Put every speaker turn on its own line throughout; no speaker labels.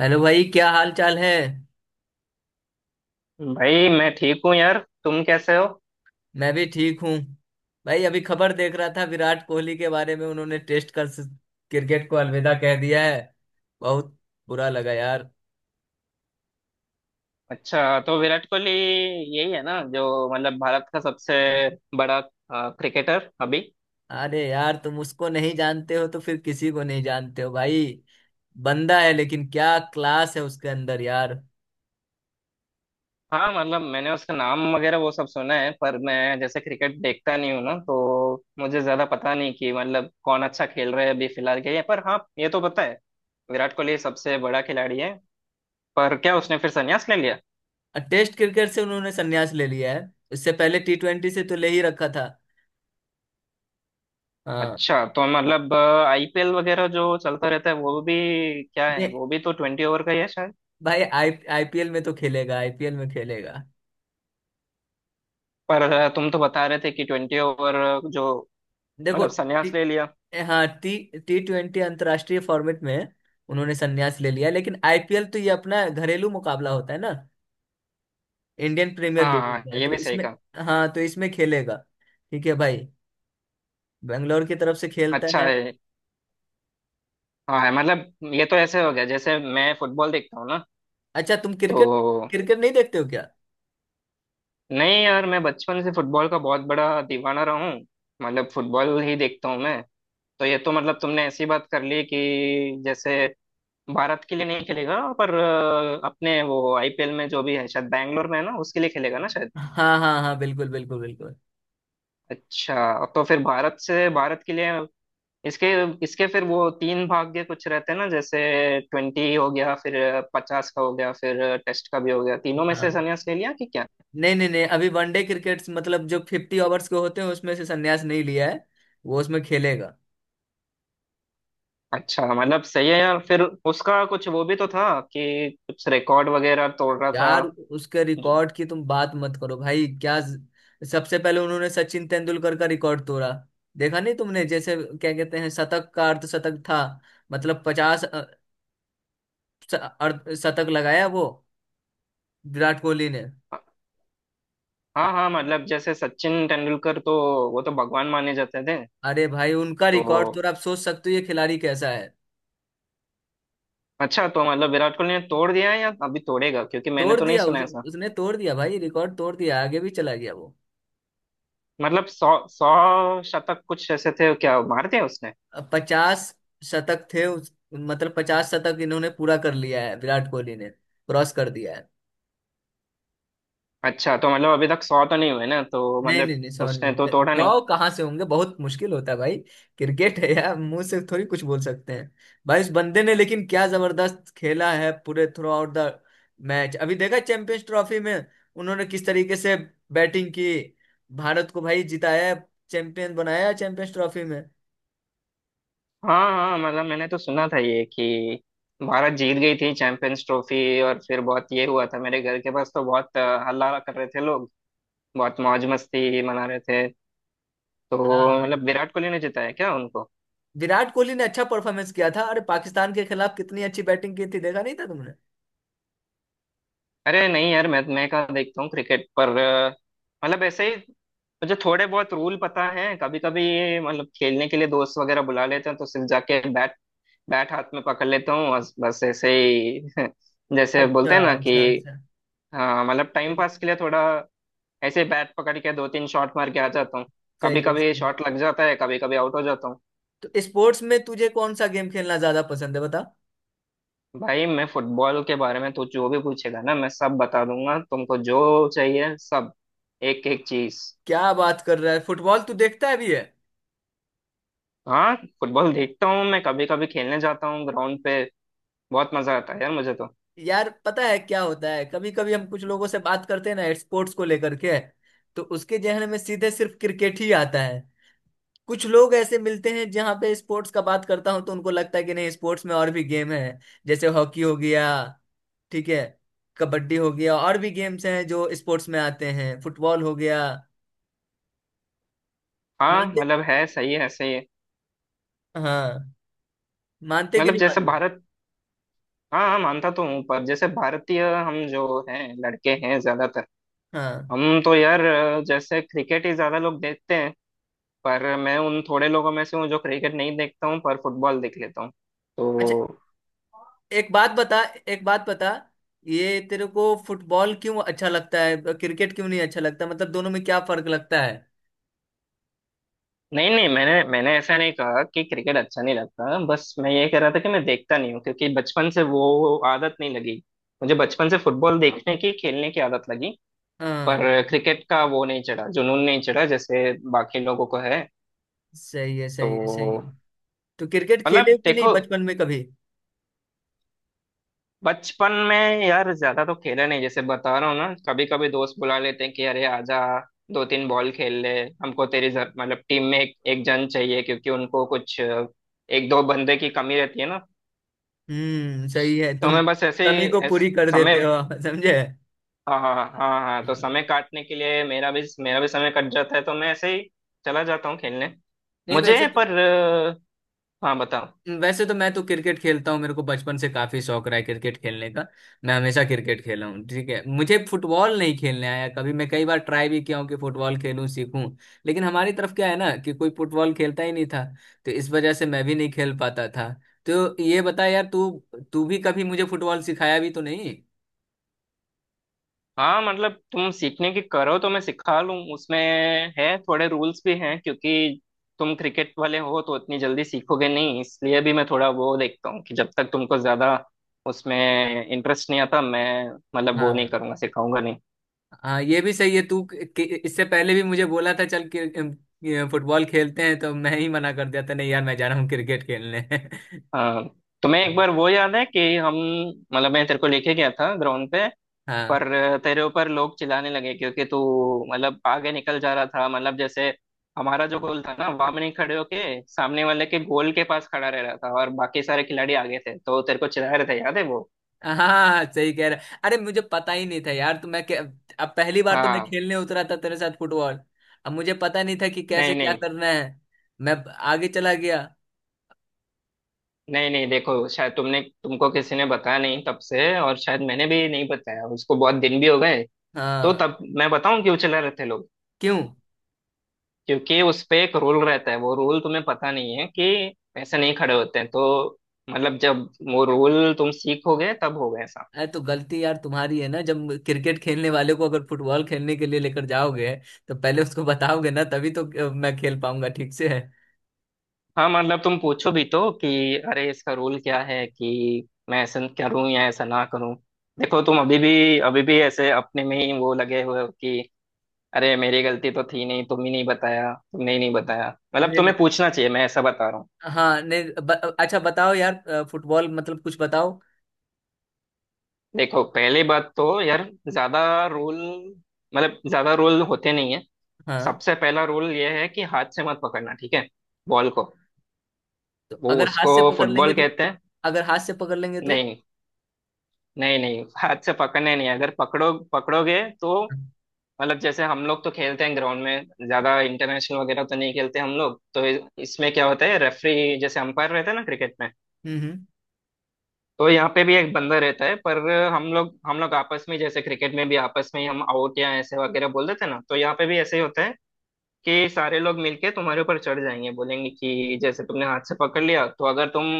Hello भाई, क्या हाल चाल है।
भाई मैं ठीक हूँ यार। तुम कैसे हो?
मैं भी ठीक हूँ। भाई अभी खबर देख रहा था विराट कोहली के बारे में। उन्होंने टेस्ट कर क्रिकेट को अलविदा कह दिया है। बहुत बुरा लगा यार।
अच्छा, तो विराट कोहली यही है ना, जो मतलब भारत का सबसे बड़ा क्रिकेटर अभी?
अरे यार, तुम उसको नहीं जानते हो तो फिर किसी को नहीं जानते हो भाई। बंदा है लेकिन क्या क्लास है उसके अंदर यार।
हाँ, मतलब मैंने उसका नाम वगैरह वो सब सुना है, पर मैं जैसे क्रिकेट देखता नहीं हूँ ना, तो मुझे ज्यादा पता नहीं कि मतलब कौन अच्छा खेल रहा है अभी फिलहाल के लिए, पर हाँ, ये तो पता है विराट कोहली सबसे बड़ा खिलाड़ी है। पर क्या उसने फिर संन्यास ले लिया?
और टेस्ट क्रिकेट से उन्होंने संन्यास ले लिया है, इससे पहले T20 से तो ले ही रखा था। हाँ।
अच्छा, तो मतलब आईपीएल वगैरह जो चलता रहता है, वो भी क्या है,
नहीं
वो भी तो ट्वेंटी ओवर का ही है शायद।
भाई, आई IPL में तो खेलेगा, IPL में खेलेगा।
पर तुम तो बता रहे थे कि ट्वेंटी ओवर जो
देखो।
मतलब
टी,
संन्यास ले लिया।
हाँ, टी T20 अंतर्राष्ट्रीय फॉर्मेट में उन्होंने संन्यास ले लिया, लेकिन IPL तो ये अपना घरेलू मुकाबला होता है ना। इंडियन प्रीमियर
हाँ
लीग
हाँ,
होता है
ये
तो
भी सही
इसमें।
कहा।
हाँ, तो इसमें खेलेगा। ठीक है भाई, बेंगलोर की तरफ से खेलता
अच्छा
है।
है। हाँ है, मतलब ये तो ऐसे हो गया जैसे मैं फुटबॉल देखता हूँ ना,
अच्छा, तुम क्रिकेट
तो
क्रिकेट नहीं देखते हो क्या?
नहीं यार, मैं बचपन से फुटबॉल का बहुत बड़ा दीवाना रहा हूँ। मतलब फुटबॉल ही देखता हूँ मैं। तो ये तो मतलब तुमने ऐसी बात कर ली कि जैसे भारत के लिए नहीं खेलेगा, पर अपने वो आईपीएल में जो भी है शायद बैंगलोर में है ना, उसके लिए खेलेगा ना शायद।
हाँ हाँ हाँ, बिल्कुल बिल्कुल बिल्कुल।
अच्छा, तो फिर भारत से भारत के लिए इसके इसके फिर वो तीन भाग्य कुछ रहते हैं ना, जैसे ट्वेंटी हो गया, फिर पचास का हो गया, फिर टेस्ट का भी हो गया, तीनों में से
हाँ।
संन्यास ले लिया कि क्या?
नहीं नहीं नहीं, अभी वनडे क्रिकेट मतलब जो 50 ओवर्स के होते हैं उसमें से संन्यास नहीं लिया है। वो उसमें खेलेगा।
अच्छा, मतलब सही है यार, फिर उसका कुछ वो भी तो था कि कुछ रिकॉर्ड वगैरह तोड़ रहा
यार
था।
उसके
ज-
रिकॉर्ड की तुम बात मत करो भाई, क्या सबसे पहले उन्होंने सचिन तेंदुलकर का रिकॉर्ड तोड़ा। देखा नहीं तुमने, जैसे क्या कहते हैं, शतक का अर्ध शतक था। मतलब 50 अर्ध शतक लगाया वो विराट कोहली ने।
हाँ हाँ, मतलब जैसे सचिन तेंदुलकर तो वो तो भगवान माने जाते थे।
अरे भाई, उनका
तो
रिकॉर्ड तोड़ा, आप सोच सकते हो ये खिलाड़ी कैसा है।
अच्छा, तो मतलब विराट कोहली ने तोड़ दिया है या अभी तोड़ेगा, क्योंकि मैंने
तोड़
तो नहीं
दिया,
सुना
उस,
ऐसा।
उसने तोड़ दिया भाई, रिकॉर्ड तोड़ दिया, आगे भी चला गया वो।
मतलब सौ सौ शतक कुछ ऐसे थे क्या मारते हैं उसने?
अब 50 शतक थे मतलब 50 शतक इन्होंने पूरा कर लिया है, विराट कोहली ने क्रॉस कर दिया है।
अच्छा, तो मतलब अभी तक सौ तो नहीं हुए ना, तो
नहीं
मतलब
नहीं नहीं,
उसने तो
सॉरी।
तोड़ा नहीं।
तो कहाँ से होंगे, बहुत मुश्किल होता है भाई, क्रिकेट है यार, मुंह से थोड़ी कुछ बोल सकते हैं। भाई उस बंदे ने लेकिन क्या जबरदस्त खेला है, पूरे थ्रू आउट द मैच। अभी देखा चैंपियंस ट्रॉफी में, उन्होंने किस तरीके से बैटिंग की, भारत को भाई जिताया, चैंपियन बनाया चैंपियंस ट्रॉफी में।
हाँ हाँ, मतलब मैंने तो सुना था ये कि भारत जीत गई थी चैंपियंस ट्रॉफी, और फिर बहुत ये हुआ था मेरे घर के पास, तो बहुत हल्ला कर रहे थे लोग, बहुत मौज मस्ती मना रहे थे। तो
हाँ,
मतलब विराट कोहली ने जिताया क्या उनको?
विराट कोहली ने अच्छा परफॉर्मेंस किया था। अरे पाकिस्तान के खिलाफ कितनी अच्छी बैटिंग की थी, देखा नहीं था तुमने?
अरे नहीं यार, मैं कहाँ देखता हूँ क्रिकेट, पर मतलब ऐसे ही मुझे थोड़े बहुत रूल पता है। कभी कभी मतलब खेलने के लिए दोस्त वगैरह बुला लेते हैं, तो सिर्फ जाके बैट बैट हाथ में पकड़ लेता हूँ और बस ऐसे ही जैसे
अच्छा
बोलते हैं ना कि
अच्छा अच्छा,
हाँ, मतलब टाइम पास के लिए थोड़ा ऐसे ही बैट पकड़ के दो तीन शॉट मार के आ जाता हूँ। कभी
सही है
कभी
सही है।
शॉट लग जाता है, कभी कभी आउट हो जाता हूँ।
तो स्पोर्ट्स में तुझे कौन सा गेम खेलना ज्यादा पसंद है, बता।
भाई, मैं फुटबॉल के बारे में तो जो भी पूछेगा ना, मैं सब बता दूंगा तुमको, जो चाहिए सब, एक एक चीज।
क्या बात कर रहा है, फुटबॉल तू देखता है भी है?
हाँ, फुटबॉल देखता हूँ मैं, कभी कभी खेलने जाता हूँ ग्राउंड पे, बहुत मजा आता है यार मुझे तो।
यार पता है क्या होता है, कभी कभी हम कुछ लोगों से बात करते हैं ना स्पोर्ट्स को लेकर के, तो उसके जहन में सीधे सिर्फ क्रिकेट ही आता है। कुछ लोग ऐसे मिलते हैं जहाँ पे स्पोर्ट्स का बात करता हूँ, तो उनको लगता है कि नहीं, स्पोर्ट्स में और भी गेम है। जैसे हॉकी हो गया, ठीक है, कबड्डी हो गया, और भी गेम्स हैं जो स्पोर्ट्स में आते हैं, फुटबॉल हो गया।
हाँ
मानते
मतलब, है सही है सही है,
हाँ, मानते कि
मतलब
नहीं
जैसे
मानते?
भारत, हाँ हाँ, मानता तो हूँ, पर जैसे भारतीय हम जो हैं लड़के हैं ज्यादातर,
हाँ।
हम तो यार जैसे क्रिकेट ही ज्यादा लोग देखते हैं, पर मैं उन थोड़े लोगों में से हूँ जो क्रिकेट नहीं देखता हूँ पर फुटबॉल देख लेता हूँ।
अच्छा,
तो
एक बात बता, एक बात बता। ये तेरे को फुटबॉल क्यों अच्छा लगता है, क्रिकेट क्यों नहीं अच्छा लगता, मतलब दोनों में क्या फर्क लगता है?
नहीं नहीं, मैंने मैंने ऐसा नहीं कहा कि क्रिकेट अच्छा नहीं लगता, बस मैं ये कह रहा था कि मैं देखता नहीं हूँ क्योंकि बचपन से वो आदत नहीं लगी। मुझे बचपन से फुटबॉल देखने की, खेलने की आदत लगी,
हाँ,
पर क्रिकेट का वो नहीं चढ़ा, जुनून नहीं चढ़ा जैसे बाकी लोगों को है।
सही है
तो
सही है सही है। तो क्रिकेट
मतलब
खेले कि नहीं
देखो,
बचपन में कभी?
बचपन में यार ज्यादा तो खेला नहीं, जैसे बता रहा हूँ ना, कभी कभी दोस्त बुला लेते हैं कि अरे आजा, दो तीन बॉल खेल ले, हमको तेरी मतलब टीम में एक, एक जन चाहिए क्योंकि उनको कुछ एक दो बंदे की कमी रहती है ना।
हम्म, सही है।
तो
तुम
मैं बस ऐसे
कमी
ही
को पूरी कर
समय,
देते हो। समझे?
हाँ हाँ हाँ हाँ हाँ, तो
हाँ।
समय काटने के लिए मेरा भी समय कट जाता है, तो मैं ऐसे ही चला जाता हूँ खेलने।
नहीं,
मुझे
वैसे
पर हाँ बताओ।
वैसे तो मैं तो क्रिकेट खेलता हूँ, मेरे को बचपन से काफी शौक रहा है क्रिकेट खेलने का। मैं हमेशा क्रिकेट खेला हूँ, ठीक है, मुझे फुटबॉल नहीं खेलने आया कभी। मैं कई बार ट्राई भी किया हूँ कि फुटबॉल खेलूं, सीखूं। लेकिन हमारी तरफ क्या है ना, कि कोई फुटबॉल खेलता ही नहीं था, तो इस वजह से मैं भी नहीं खेल पाता था। तो ये बता यार, तू तू भी कभी मुझे फुटबॉल सिखाया भी तो नहीं।
हाँ मतलब, तुम सीखने की करो तो मैं सिखा लूँ, उसमें है थोड़े रूल्स भी हैं क्योंकि तुम क्रिकेट वाले हो तो इतनी जल्दी सीखोगे नहीं, इसलिए भी मैं थोड़ा वो देखता हूँ कि जब तक तुमको ज्यादा उसमें इंटरेस्ट नहीं आता, मैं मतलब वो नहीं
हाँ
करूँगा, सिखाऊंगा नहीं।
हाँ, ये भी सही है। इससे पहले भी मुझे बोला था, चल कि फुटबॉल खेलते हैं, तो मैं ही मना कर दिया था, नहीं यार मैं जा रहा हूँ क्रिकेट खेलने।
हाँ, तुम्हें एक बार वो याद है कि हम मतलब मैं तेरे को लेके गया था ग्राउंड पे,
हाँ
पर तेरे ऊपर लोग चिल्लाने लगे क्योंकि तू मतलब आगे निकल जा रहा था, मतलब जैसे हमारा जो गोल था ना वहां में नहीं खड़े होके सामने वाले के गोल के पास खड़ा रह रहा था और बाकी सारे खिलाड़ी आगे थे, तो तेरे को चिल्ला रहे थे, याद है वो?
हाँ, सही कह रहा। अरे मुझे पता ही नहीं था यार, अब पहली बार तो मैं
हाँ।
खेलने उतरा था तेरे साथ फुटबॉल। अब मुझे पता नहीं था कि कैसे
नहीं
क्या
नहीं,
करना है, मैं आगे चला गया।
नहीं नहीं देखो, शायद तुमने तुमको किसी ने बताया नहीं तब से, और शायद मैंने भी नहीं बताया उसको, बहुत दिन भी हो गए। तो
हाँ।
तब मैं बताऊं क्यों चिल्ला रहे थे लोग?
क्यों?
क्योंकि उस पे एक रूल रहता है, वो रूल तुम्हें पता नहीं है कि पैसे नहीं खड़े होते हैं, तो मतलब, जब वो रूल तुम सीखोगे तब होगा ऐसा।
अरे तो गलती यार तुम्हारी है ना, जब क्रिकेट खेलने वाले को अगर फुटबॉल खेलने के लिए लेकर जाओगे, तो पहले उसको बताओगे ना, तभी तो मैं खेल पाऊंगा ठीक से, नहीं?
हाँ मतलब, तुम पूछो भी तो कि अरे इसका रूल क्या है, कि मैं ऐसा करूं या ऐसा ना करूं। देखो, तुम अभी भी ऐसे अपने में ही वो लगे हुए हो कि अरे मेरी गलती तो थी नहीं, तुम ही नहीं बताया, तुमने ही नहीं बताया। मतलब
नहीं,
तुम्हें पूछना चाहिए, मैं ऐसा बता रहा हूँ।
हाँ नहीं अच्छा बताओ यार, फुटबॉल मतलब कुछ बताओ।
देखो पहली बात तो यार, ज्यादा रूल मतलब ज्यादा रूल होते नहीं है।
हाँ।
सबसे पहला रूल ये है कि हाथ से मत पकड़ना, ठीक है, बॉल को।
तो
वो
अगर हाथ
उसको
से पकड़ लेंगे
फुटबॉल
तो
कहते हैं।
अगर हाथ से पकड़ लेंगे तो?
नहीं नहीं, नहीं हाथ से पकड़ने नहीं है। अगर पकड़ोगे तो मतलब, जैसे हम लोग तो खेलते हैं ग्राउंड में, ज्यादा इंटरनेशनल वगैरह तो नहीं खेलते हम लोग, तो इसमें क्या होता है, रेफरी, जैसे अंपायर रहते हैं ना क्रिकेट में,
हम्म हम्म।
तो यहाँ पे भी एक बंदा रहता है। पर हम लोग आपस में, जैसे क्रिकेट में भी आपस में हम आउट या ऐसे वगैरह बोल देते हैं ना, तो यहाँ पे भी ऐसे ही होता है कि सारे लोग मिलके तुम्हारे ऊपर चढ़ जाएंगे, बोलेंगे कि जैसे तुमने हाथ से पकड़ लिया, तो अगर तुम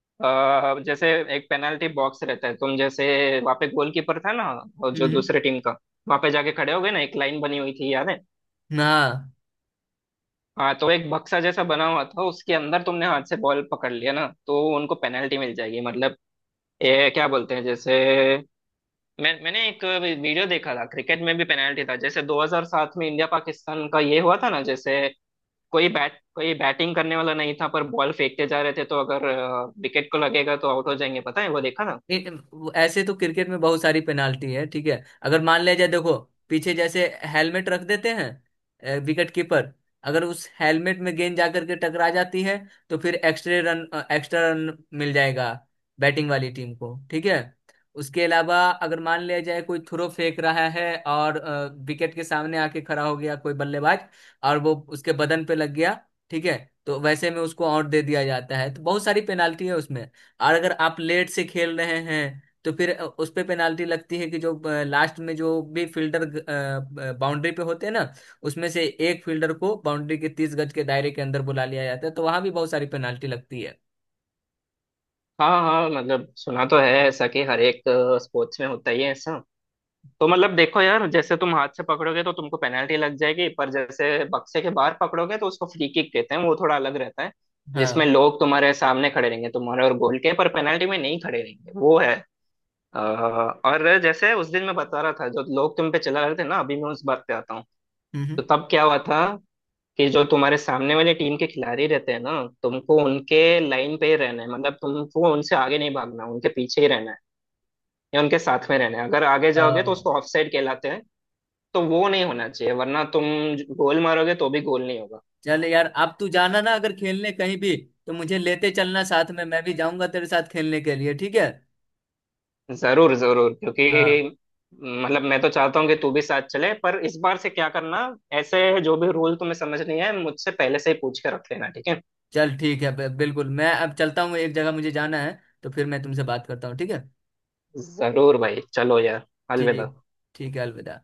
जैसे, एक पेनल्टी बॉक्स रहता है, तुम जैसे वहाँ पे गोलकीपर था ना और जो
हम्म हम्म।
दूसरे टीम का वहाँ पे जाके खड़े हो गए ना, एक लाइन बनी हुई थी याद है?
हाँ।
हाँ, तो एक बक्सा जैसा बना हुआ था, उसके अंदर तुमने हाथ से बॉल पकड़ लिया ना, तो उनको पेनल्टी मिल जाएगी, मतलब ये क्या बोलते हैं, जैसे मैंने एक वीडियो देखा था क्रिकेट में भी पेनाल्टी था, जैसे 2007 में इंडिया पाकिस्तान का ये हुआ था ना, जैसे कोई बैट, कोई बैटिंग करने वाला नहीं था पर बॉल फेंकते जा रहे थे, तो अगर विकेट को लगेगा तो आउट हो जाएंगे, पता है वो देखा ना?
ऐसे तो क्रिकेट में बहुत सारी पेनाल्टी है, ठीक है अगर मान लिया जाए, देखो। पीछे जैसे हेलमेट रख देते हैं विकेट कीपर, अगर उस हेलमेट में गेंद जाकर के टकरा जाती है, तो फिर एक्स्ट्रा रन मिल जाएगा बैटिंग वाली टीम को, ठीक है। उसके अलावा अगर मान लिया जाए कोई थ्रो फेंक रहा है, और विकेट के सामने आके खड़ा हो गया कोई बल्लेबाज, और वो उसके बदन पे लग गया, ठीक है, तो वैसे में उसको आउट दे दिया जाता है, तो बहुत सारी पेनाल्टी है उसमें। और अगर आप लेट से खेल रहे हैं तो फिर उस पे पेनाल्टी लगती है कि जो लास्ट में जो भी फील्डर बाउंड्री पे होते हैं ना, उसमें से एक फील्डर को बाउंड्री के 30 गज के दायरे के अंदर बुला लिया जाता है, तो वहां भी बहुत सारी पेनाल्टी लगती है।
हाँ हाँ, मतलब सुना तो है ऐसा कि हर एक स्पोर्ट्स में होता ही है ऐसा। तो मतलब देखो यार, जैसे तुम हाथ से पकड़ोगे तो तुमको पेनाल्टी लग जाएगी, पर जैसे बक्से के बाहर पकड़ोगे तो उसको फ्री किक कहते हैं, वो थोड़ा अलग रहता है, जिसमें
हाँ।
लोग तुम्हारे सामने खड़े रहेंगे, तुम्हारे और गोल के, पर पेनाल्टी में नहीं खड़े रहेंगे वो है। और जैसे उस दिन मैं बता रहा था, जो लोग तुम पे चला रहे थे ना, अभी मैं उस बात पे आता हूँ।
हम्म
तो तब क्या हुआ था कि जो तुम्हारे सामने वाले टीम के खिलाड़ी रहते हैं ना, तुमको उनके लाइन पे ही रहना है, मतलब तुमको उनसे आगे नहीं भागना, उनके पीछे ही रहना है या उनके साथ में रहना है, अगर आगे
अ,
जाओगे तो उसको ऑफसाइड कहलाते हैं। तो वो नहीं होना चाहिए, वरना तुम गोल मारोगे तो भी गोल नहीं होगा।
चल यार अब तू जाना ना अगर खेलने कहीं भी, तो मुझे लेते चलना साथ में, मैं भी जाऊंगा तेरे साथ खेलने के लिए, ठीक है?
जरूर जरूर, क्योंकि
हाँ,
मतलब मैं तो चाहता हूँ कि तू भी साथ चले, पर इस बार से क्या करना, ऐसे जो भी रूल तुम्हें समझ नहीं है मुझसे पहले से ही पूछ के रख लेना, ठीक है?
चल ठीक है, बिल्कुल। मैं अब चलता हूँ, एक जगह मुझे जाना है, तो फिर मैं तुमसे बात करता हूँ, ठीक है?
जरूर भाई, चलो यार, अलविदा।
ठीक ठीक है, अलविदा।